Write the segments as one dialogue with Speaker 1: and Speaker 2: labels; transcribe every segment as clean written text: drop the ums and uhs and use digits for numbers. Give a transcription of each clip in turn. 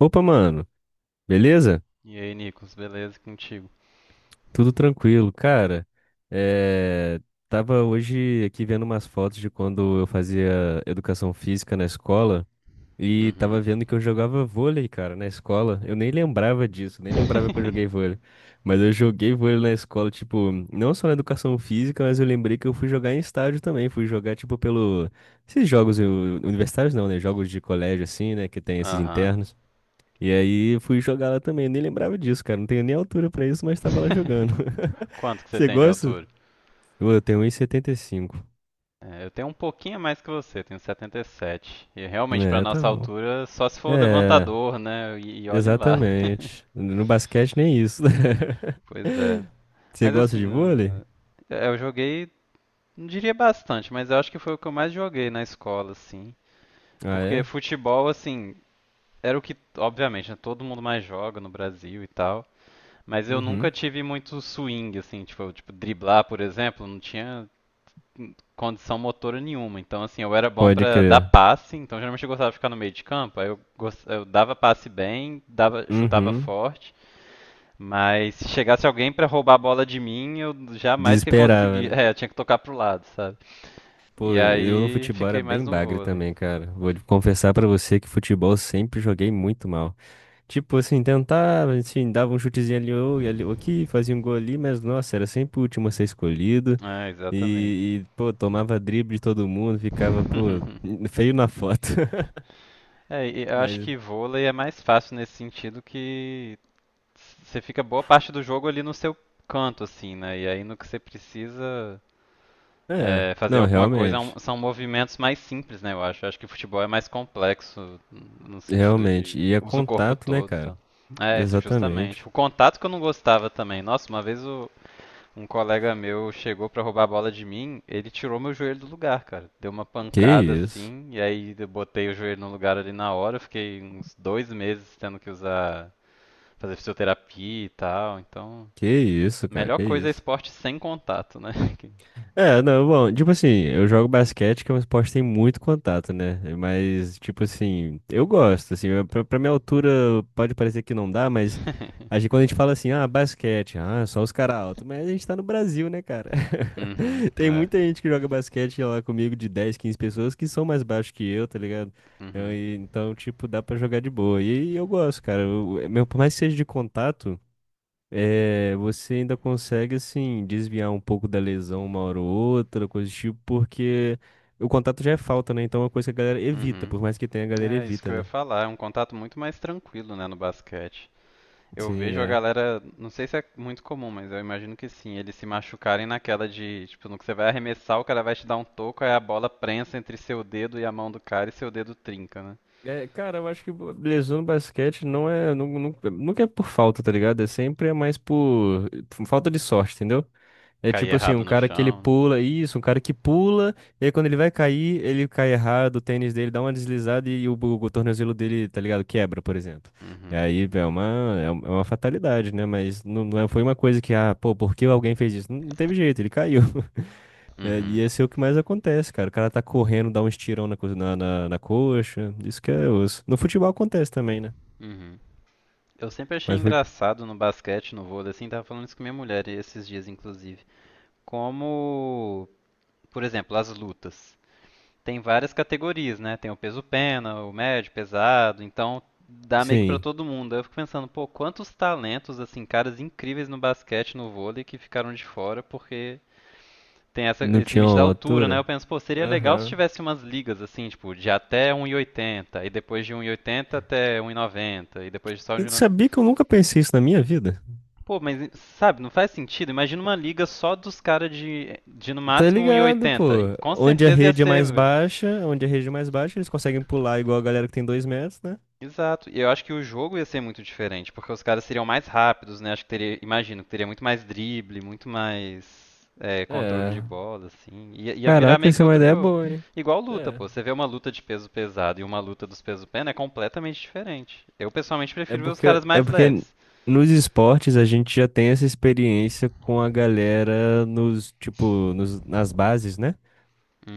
Speaker 1: Opa, mano, beleza?
Speaker 2: E aí, Nicolas, beleza contigo?
Speaker 1: Tudo tranquilo, cara. É... Tava hoje aqui vendo umas fotos de quando eu fazia educação física na escola e tava
Speaker 2: Uhum.
Speaker 1: vendo que eu jogava vôlei, cara, na escola. Eu nem lembrava disso, nem lembrava que eu joguei vôlei. Mas eu joguei vôlei na escola, tipo, não só na educação física, mas eu lembrei que eu fui jogar em estádio também. Fui jogar, tipo, pelo. Esses jogos universitários não, né? Jogos de colégio, assim, né? Que tem esses
Speaker 2: Aham.
Speaker 1: internos. E aí eu fui jogar lá também. Eu nem lembrava disso, cara. Não tenho nem altura pra isso, mas tava lá jogando.
Speaker 2: Quanto que você
Speaker 1: Você
Speaker 2: tem de
Speaker 1: gosta?
Speaker 2: altura?
Speaker 1: Pô, eu tenho 1,75.
Speaker 2: É, eu tenho um pouquinho a mais que você, tenho 77. E sete. E realmente, para
Speaker 1: É, tá
Speaker 2: nossa
Speaker 1: bom.
Speaker 2: altura, só se for
Speaker 1: É,
Speaker 2: levantador, né? E olhe lá.
Speaker 1: exatamente. No basquete nem isso.
Speaker 2: Pois é.
Speaker 1: Você
Speaker 2: Mas
Speaker 1: gosta
Speaker 2: assim,
Speaker 1: de vôlei?
Speaker 2: é, eu joguei, não diria bastante, mas eu acho que foi o que eu mais joguei na escola, assim.
Speaker 1: Ah,
Speaker 2: Porque
Speaker 1: é?
Speaker 2: futebol, assim, era o que, obviamente, né, todo mundo mais joga no Brasil e tal. Mas eu
Speaker 1: Uhum.
Speaker 2: nunca tive muito swing, assim, tipo, eu, tipo, driblar, por exemplo, não tinha condição motora nenhuma. Então, assim, eu era bom
Speaker 1: Pode
Speaker 2: pra dar
Speaker 1: crer.
Speaker 2: passe, então geralmente eu gostava de ficar no meio de campo, aí eu dava passe bem, dava, chutava
Speaker 1: Uhum.
Speaker 2: forte, mas se chegasse alguém pra roubar a bola de mim, eu jamais que
Speaker 1: Desesperava,
Speaker 2: conseguia.
Speaker 1: né?
Speaker 2: É, eu tinha que tocar pro lado, sabe? E
Speaker 1: Pô, eu no
Speaker 2: aí
Speaker 1: futebol era
Speaker 2: fiquei mais
Speaker 1: bem
Speaker 2: no
Speaker 1: bagre
Speaker 2: vôlei.
Speaker 1: também, cara. Vou confessar pra você que futebol eu sempre joguei muito mal. Tipo assim, tentava, assim, dava um chutezinho ali ou e ali ou aqui, fazia um gol ali, mas nossa, era sempre o último a ser escolhido.
Speaker 2: É, exatamente.
Speaker 1: E, pô, tomava drible de todo mundo, ficava, pô, feio na foto.
Speaker 2: É, e eu acho
Speaker 1: Mas,
Speaker 2: que vôlei é mais fácil nesse sentido que você fica boa parte do jogo ali no seu canto, assim, né? E aí no que você precisa
Speaker 1: é,
Speaker 2: é, fazer
Speaker 1: não,
Speaker 2: alguma coisa
Speaker 1: realmente,
Speaker 2: são movimentos mais simples, né? Eu acho. Eu acho que o futebol é mais complexo no sentido
Speaker 1: realmente.
Speaker 2: de
Speaker 1: E é
Speaker 2: usa o corpo
Speaker 1: contato, né,
Speaker 2: todo, tá?
Speaker 1: cara?
Speaker 2: É, isso,
Speaker 1: Exatamente.
Speaker 2: justamente. O contato que eu não gostava também. Nossa, uma vez um colega meu chegou pra roubar a bola de mim, ele tirou meu joelho do lugar, cara. Deu uma
Speaker 1: Que
Speaker 2: pancada
Speaker 1: isso,
Speaker 2: assim, e aí eu botei o joelho no lugar ali na hora. Eu fiquei uns 2 meses tendo que usar fazer fisioterapia e tal. Então,
Speaker 1: que isso, cara,
Speaker 2: melhor
Speaker 1: que
Speaker 2: coisa é
Speaker 1: isso.
Speaker 2: esporte sem contato, né?
Speaker 1: É, não, bom, tipo assim, eu jogo basquete, que é um esporte que tem muito contato, né? Mas, tipo assim, eu gosto, assim, pra, minha altura pode parecer que não dá, mas a gente, quando a gente fala assim, ah, basquete, ah, só os caras altos, mas a gente tá no Brasil, né, cara?
Speaker 2: Uhum,
Speaker 1: Tem
Speaker 2: é.
Speaker 1: muita gente que joga basquete lá comigo de 10, 15 pessoas que são mais baixos que eu, tá ligado?
Speaker 2: Uhum,
Speaker 1: Então, tipo, dá pra jogar de boa. E, eu gosto, cara, eu, meu, por mais que seja de contato. É, você ainda consegue, assim, desviar um pouco da lesão uma hora ou outra, coisa do tipo, porque o contato já é falta, né? Então é uma coisa que a galera evita,
Speaker 2: uhum.
Speaker 1: por mais que tenha, a galera
Speaker 2: É isso que
Speaker 1: evita,
Speaker 2: eu ia
Speaker 1: né?
Speaker 2: falar. É um contato muito mais tranquilo, né, no basquete. Eu
Speaker 1: Sim,
Speaker 2: vejo a
Speaker 1: é.
Speaker 2: galera, não sei se é muito comum, mas eu imagino que sim, eles se machucarem naquela de, tipo, no que você vai arremessar, o cara vai te dar um toco, aí a bola prensa entre seu dedo e a mão do cara e seu dedo trinca, né?
Speaker 1: É, cara, eu acho que lesão no basquete não é, nunca é por falta, tá ligado? É sempre mais por falta de sorte, entendeu? É
Speaker 2: Cair
Speaker 1: tipo assim, um
Speaker 2: errado no
Speaker 1: cara que ele
Speaker 2: chão, né?
Speaker 1: pula, isso, um cara que pula, e aí quando ele vai cair, ele cai errado, o tênis dele dá uma deslizada e o, o tornozelo dele, tá ligado? Quebra, por exemplo. E
Speaker 2: Uhum,
Speaker 1: aí é uma, é uma fatalidade, né? Mas não, foi uma coisa que, ah, pô, por que alguém fez isso? Não, não teve jeito, ele caiu. É, e
Speaker 2: uhum,
Speaker 1: esse é o que mais acontece, cara. O cara tá correndo, dá um estirão na coxa, isso que é osso. No futebol acontece também, né?
Speaker 2: uhum. Eu sempre achei
Speaker 1: Mas,
Speaker 2: engraçado no basquete, no vôlei, assim, tava falando isso com minha mulher esses dias, inclusive. Como, por exemplo, as lutas. Tem várias categorias, né? Tem o peso pena, o médio, pesado, então dá meio que pra
Speaker 1: sim,
Speaker 2: todo mundo. Aí eu fico pensando, pô, quantos talentos, assim, caras incríveis no basquete, no vôlei, que ficaram de fora porque tem
Speaker 1: não
Speaker 2: esse
Speaker 1: tinha
Speaker 2: limite da
Speaker 1: uma
Speaker 2: altura, né? Eu
Speaker 1: altura?
Speaker 2: penso, pô, seria legal se
Speaker 1: Aham.
Speaker 2: tivesse umas ligas, assim, tipo, de até 1,80, e oitenta, e depois de 1,80 até 1,90, e noventa, e depois de só de.
Speaker 1: Eu sabia que eu nunca pensei isso na minha vida.
Speaker 2: Pô, mas sabe, não faz sentido. Imagina uma liga só dos caras de no
Speaker 1: Tá
Speaker 2: máximo
Speaker 1: ligado, pô.
Speaker 2: 1,80. Com
Speaker 1: Onde a
Speaker 2: certeza ia
Speaker 1: rede é
Speaker 2: ser.
Speaker 1: mais
Speaker 2: Velho.
Speaker 1: baixa, onde a rede é mais baixa, eles conseguem pular igual a galera que tem 2 metros, né?
Speaker 2: Exato. E eu acho que o jogo ia ser muito diferente, porque os caras seriam mais rápidos, né? Acho que teria, imagino que teria muito mais drible, muito mais controle de
Speaker 1: É,
Speaker 2: bola, assim. Ia virar
Speaker 1: caraca,
Speaker 2: meio que
Speaker 1: essa é uma
Speaker 2: outro
Speaker 1: ideia
Speaker 2: jogo.
Speaker 1: boa, hein?
Speaker 2: Igual luta,
Speaker 1: É.
Speaker 2: pô. Você vê uma luta de peso pesado e uma luta dos peso pena é completamente diferente. Eu pessoalmente
Speaker 1: É
Speaker 2: prefiro ver os
Speaker 1: porque.
Speaker 2: caras
Speaker 1: É
Speaker 2: mais
Speaker 1: porque
Speaker 2: leves.
Speaker 1: nos esportes a gente já tem essa experiência com a galera nas bases, né?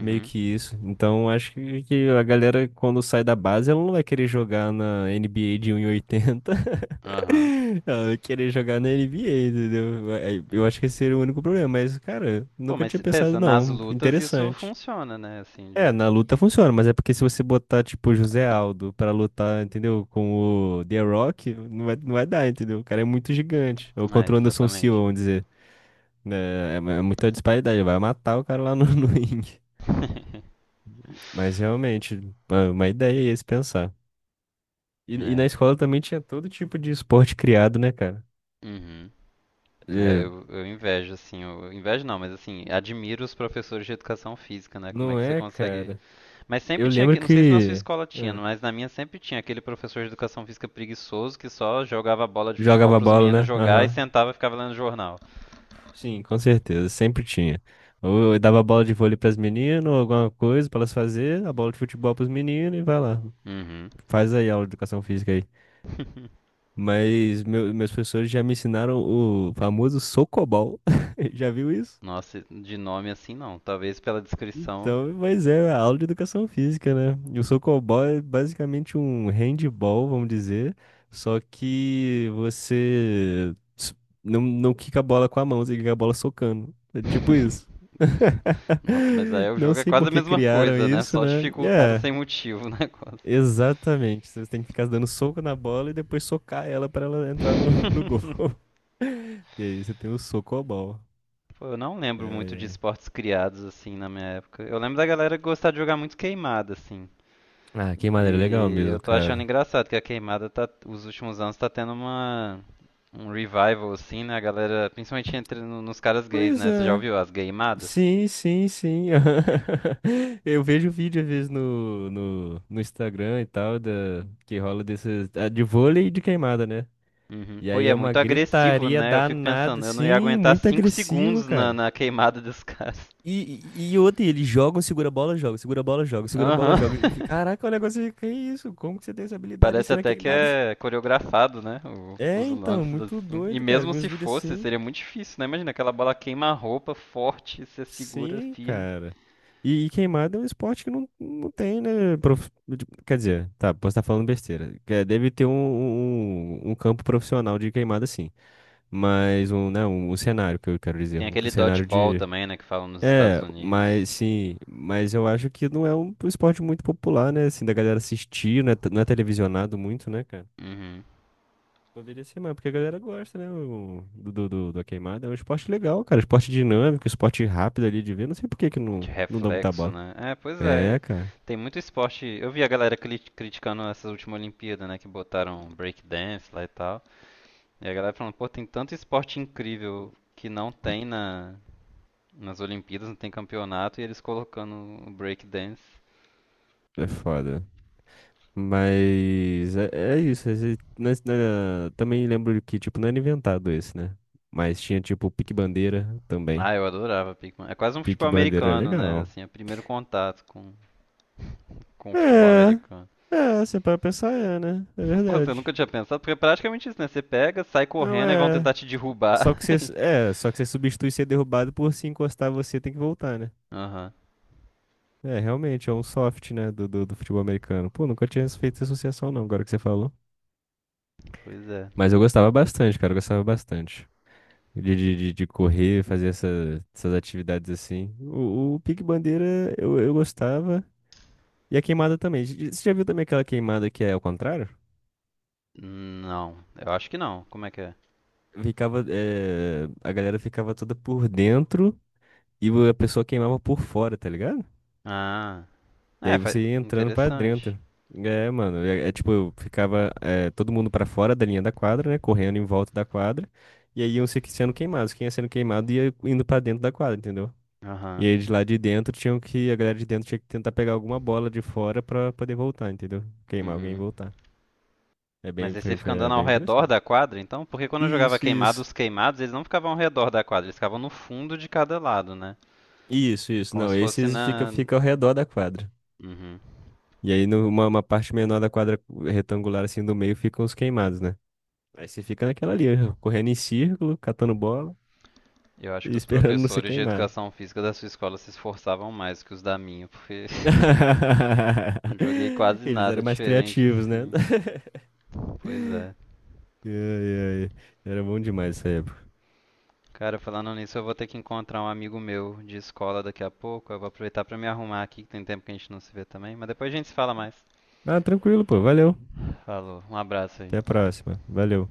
Speaker 1: Meio que isso. Então acho que a galera, quando sai da base, ela não vai querer jogar na NBA de 1,80.
Speaker 2: Aham.
Speaker 1: Não, eu querer jogar na NBA, entendeu? Aí, eu acho que esse seria o único problema, mas, cara,
Speaker 2: Pô,
Speaker 1: nunca
Speaker 2: mas
Speaker 1: tinha pensado,
Speaker 2: pensa, nas
Speaker 1: não.
Speaker 2: lutas isso
Speaker 1: Interessante.
Speaker 2: funciona, né? Assim,
Speaker 1: É,
Speaker 2: de.
Speaker 1: na luta funciona, mas é porque se você botar, tipo, José Aldo pra lutar, entendeu? Com o The Rock, não vai, não vai dar, entendeu? O cara é muito gigante. Ou
Speaker 2: É,
Speaker 1: contra o Anderson Silva,
Speaker 2: exatamente.
Speaker 1: vamos dizer. É, é muita disparidade, vai matar o cara lá no, no ringue. Mas realmente, é uma ideia é esse pensar. E na
Speaker 2: É.
Speaker 1: escola também tinha todo tipo de esporte criado, né, cara?
Speaker 2: Uhum. É,
Speaker 1: É,
Speaker 2: eu invejo, assim, eu invejo não, mas assim, admiro os professores de educação física, né? Como é
Speaker 1: não
Speaker 2: que você
Speaker 1: é,
Speaker 2: consegue.
Speaker 1: cara?
Speaker 2: Mas
Speaker 1: Eu
Speaker 2: sempre tinha,
Speaker 1: lembro
Speaker 2: não sei se na sua
Speaker 1: que
Speaker 2: escola tinha,
Speaker 1: é,
Speaker 2: mas na minha sempre tinha aquele professor de educação física preguiçoso que só jogava bola de futebol
Speaker 1: jogava
Speaker 2: pros
Speaker 1: bola,
Speaker 2: meninos
Speaker 1: né?
Speaker 2: jogar e
Speaker 1: Aham.
Speaker 2: sentava e ficava lendo jornal.
Speaker 1: Sim, com certeza, sempre tinha. Ou eu dava bola de vôlei pras meninas, ou alguma coisa pra elas fazer, a bola de futebol pros meninos e vai lá.
Speaker 2: Uhum.
Speaker 1: Faz aí a aula de educação física aí. Mas meus professores já me ensinaram o famoso socobol. Já viu isso?
Speaker 2: Nossa, de nome assim não, talvez pela descrição.
Speaker 1: Então, mas é a aula de educação física, né? E o socobol é basicamente um handball, vamos dizer, só que não, não quica a bola com a mão, você quica a bola socando. É tipo isso.
Speaker 2: Nossa, mas aí o
Speaker 1: Não
Speaker 2: jogo é
Speaker 1: sei
Speaker 2: quase
Speaker 1: por
Speaker 2: a
Speaker 1: que
Speaker 2: mesma
Speaker 1: criaram
Speaker 2: coisa, né?
Speaker 1: isso,
Speaker 2: Só
Speaker 1: né?
Speaker 2: dificultado
Speaker 1: É,
Speaker 2: sem motivo o negócio.
Speaker 1: exatamente. Você tem que ficar dando soco na bola e depois socar ela para ela entrar no gol. E aí você tem o socobol.
Speaker 2: Pô, eu não
Speaker 1: Ai,
Speaker 2: lembro muito de
Speaker 1: ai.
Speaker 2: esportes criados assim na minha época. Eu lembro da galera gostar de jogar muito queimada assim.
Speaker 1: Ah, que maneira legal
Speaker 2: E
Speaker 1: mesmo,
Speaker 2: eu tô achando
Speaker 1: cara.
Speaker 2: engraçado que a queimada tá, os últimos anos tá tendo uma um revival assim, né? A galera, principalmente entre nos caras gays,
Speaker 1: Pois
Speaker 2: né? Você já
Speaker 1: é.
Speaker 2: ouviu as gaymadas?
Speaker 1: Sim, sim, sim. Eu vejo vídeo às vezes no Instagram e tal, que rola desses, ah, de vôlei e de queimada, né?
Speaker 2: Uhum.
Speaker 1: E
Speaker 2: Pô, e
Speaker 1: aí
Speaker 2: é
Speaker 1: é uma
Speaker 2: muito agressivo,
Speaker 1: gritaria
Speaker 2: né? Eu fico
Speaker 1: danada,
Speaker 2: pensando, eu não ia
Speaker 1: sim,
Speaker 2: aguentar
Speaker 1: muito
Speaker 2: 5
Speaker 1: agressivo,
Speaker 2: segundos na,
Speaker 1: cara.
Speaker 2: na queimada dos caras.
Speaker 1: E outra, eles jogam, segura a bola, joga, segura a bola, joga, segura a bola,
Speaker 2: Aham.
Speaker 1: joga. E fica, caraca, o negócio fica, que isso? Como que você tem essa habilidade
Speaker 2: Parece
Speaker 1: assim na
Speaker 2: até que
Speaker 1: queimada?
Speaker 2: é coreografado, né?
Speaker 1: É,
Speaker 2: Os
Speaker 1: então, é
Speaker 2: lances
Speaker 1: muito
Speaker 2: assim. E
Speaker 1: doido, cara.
Speaker 2: mesmo
Speaker 1: Vi
Speaker 2: se
Speaker 1: uns vídeos
Speaker 2: fosse,
Speaker 1: assim.
Speaker 2: seria muito difícil, né? Imagina aquela bola queima a roupa forte, você segura
Speaker 1: Sim,
Speaker 2: firme.
Speaker 1: cara. E queimada é um esporte que não, não tem, né? Quer dizer, tá, posso estar falando besteira. Que é, deve ter um campo profissional de queimada, sim. Mas um, né, um cenário que eu quero dizer.
Speaker 2: Tem
Speaker 1: Um
Speaker 2: aquele
Speaker 1: cenário
Speaker 2: dodgeball
Speaker 1: de.
Speaker 2: também, né? Que falam nos Estados
Speaker 1: É,
Speaker 2: Unidos.
Speaker 1: mas sim, mas eu acho que não é um esporte muito popular, né? Assim, da galera assistir, não é, não é televisionado muito, né, cara?
Speaker 2: Uhum.
Speaker 1: Poderia ser, mas porque a galera gosta, né? Da queimada. É um esporte legal, cara. Esporte dinâmico, esporte rápido ali de ver. Não sei por que que
Speaker 2: De
Speaker 1: não, não dá muita
Speaker 2: reflexo,
Speaker 1: bola.
Speaker 2: né? É, pois é.
Speaker 1: É, cara.
Speaker 2: Tem muito esporte. Eu vi a galera criticando essas últimas Olimpíadas, né? Que botaram breakdance lá e tal. E a galera falando, pô, tem tanto esporte incrível que não tem nas Olimpíadas, não tem campeonato, e eles colocando o breakdance.
Speaker 1: É foda. Mas é, é isso. Também lembro que, tipo, não era inventado esse, né? Mas tinha, tipo, pique-bandeira também.
Speaker 2: Ah, eu adorava Pikmin. É quase um futebol
Speaker 1: Pique-bandeira é
Speaker 2: americano, né?
Speaker 1: legal.
Speaker 2: Assim, é o primeiro contato com o futebol
Speaker 1: É.
Speaker 2: americano.
Speaker 1: É, você para pensar, é, né? É
Speaker 2: Pô, você nunca
Speaker 1: verdade.
Speaker 2: tinha pensado, porque é praticamente isso, né? Você pega, sai
Speaker 1: Não
Speaker 2: correndo e vão
Speaker 1: é.
Speaker 2: tentar te derrubar.
Speaker 1: Só que você, é, só que você substitui ser derrubado por se encostar, você tem que voltar, né?
Speaker 2: Aham,
Speaker 1: É, realmente, é um soft, né, do futebol americano. Pô, nunca tinha feito essa associação, não, agora que você falou.
Speaker 2: pois é.
Speaker 1: Mas eu gostava bastante, cara, eu gostava bastante. De correr, fazer essa, essas atividades assim. O pique-bandeira eu gostava. E a queimada também. Você já viu também aquela queimada que é ao contrário?
Speaker 2: Não, eu acho que não. Como é que é?
Speaker 1: Ficava, a galera ficava toda por dentro e a pessoa queimava por fora, tá ligado?
Speaker 2: Ah,
Speaker 1: E
Speaker 2: é,
Speaker 1: aí você ia entrando pra
Speaker 2: interessante.
Speaker 1: dentro. É, mano, é, é tipo, eu ficava é, todo mundo pra fora da linha da quadra, né? Correndo em volta da quadra. E aí iam se que- sendo queimados. Quem ia sendo queimado ia indo pra dentro da quadra, entendeu? E
Speaker 2: Aham,
Speaker 1: aí de lá de dentro tinham que, a galera de dentro tinha que tentar pegar alguma bola de fora pra poder voltar, entendeu? Queimar alguém e
Speaker 2: uhum.
Speaker 1: voltar. É
Speaker 2: Mas
Speaker 1: bem,
Speaker 2: aí você fica
Speaker 1: é
Speaker 2: andando ao
Speaker 1: bem
Speaker 2: redor
Speaker 1: interessante.
Speaker 2: da quadra, então? Porque quando eu jogava
Speaker 1: Isso,
Speaker 2: queimado,
Speaker 1: isso.
Speaker 2: os queimados, eles não ficavam ao redor da quadra, eles ficavam no fundo de cada lado, né?
Speaker 1: Isso, isso.
Speaker 2: Como
Speaker 1: Não,
Speaker 2: se fosse
Speaker 1: esses
Speaker 2: na...
Speaker 1: fica ao redor da quadra.
Speaker 2: Uhum.
Speaker 1: E aí, numa uma parte menor da quadra retangular, assim, do meio, ficam os queimados, né? Aí você fica naquela ali, ó, correndo em círculo, catando bola
Speaker 2: Eu acho
Speaker 1: e
Speaker 2: que os
Speaker 1: esperando não ser
Speaker 2: professores de
Speaker 1: queimado.
Speaker 2: educação física da sua escola se esforçavam mais que os da minha, porque não joguei quase
Speaker 1: Eles
Speaker 2: nada
Speaker 1: eram mais
Speaker 2: diferente
Speaker 1: criativos, né?
Speaker 2: assim. Pois é.
Speaker 1: Ai, ai. Era bom demais essa época.
Speaker 2: Cara, falando nisso, eu vou ter que encontrar um amigo meu de escola daqui a pouco. Eu vou aproveitar pra me arrumar aqui, que tem tempo que a gente não se vê também. Mas depois a gente se fala mais.
Speaker 1: Ah, tranquilo, pô. Valeu.
Speaker 2: Falou, um abraço
Speaker 1: Até a
Speaker 2: aí.
Speaker 1: próxima. Valeu.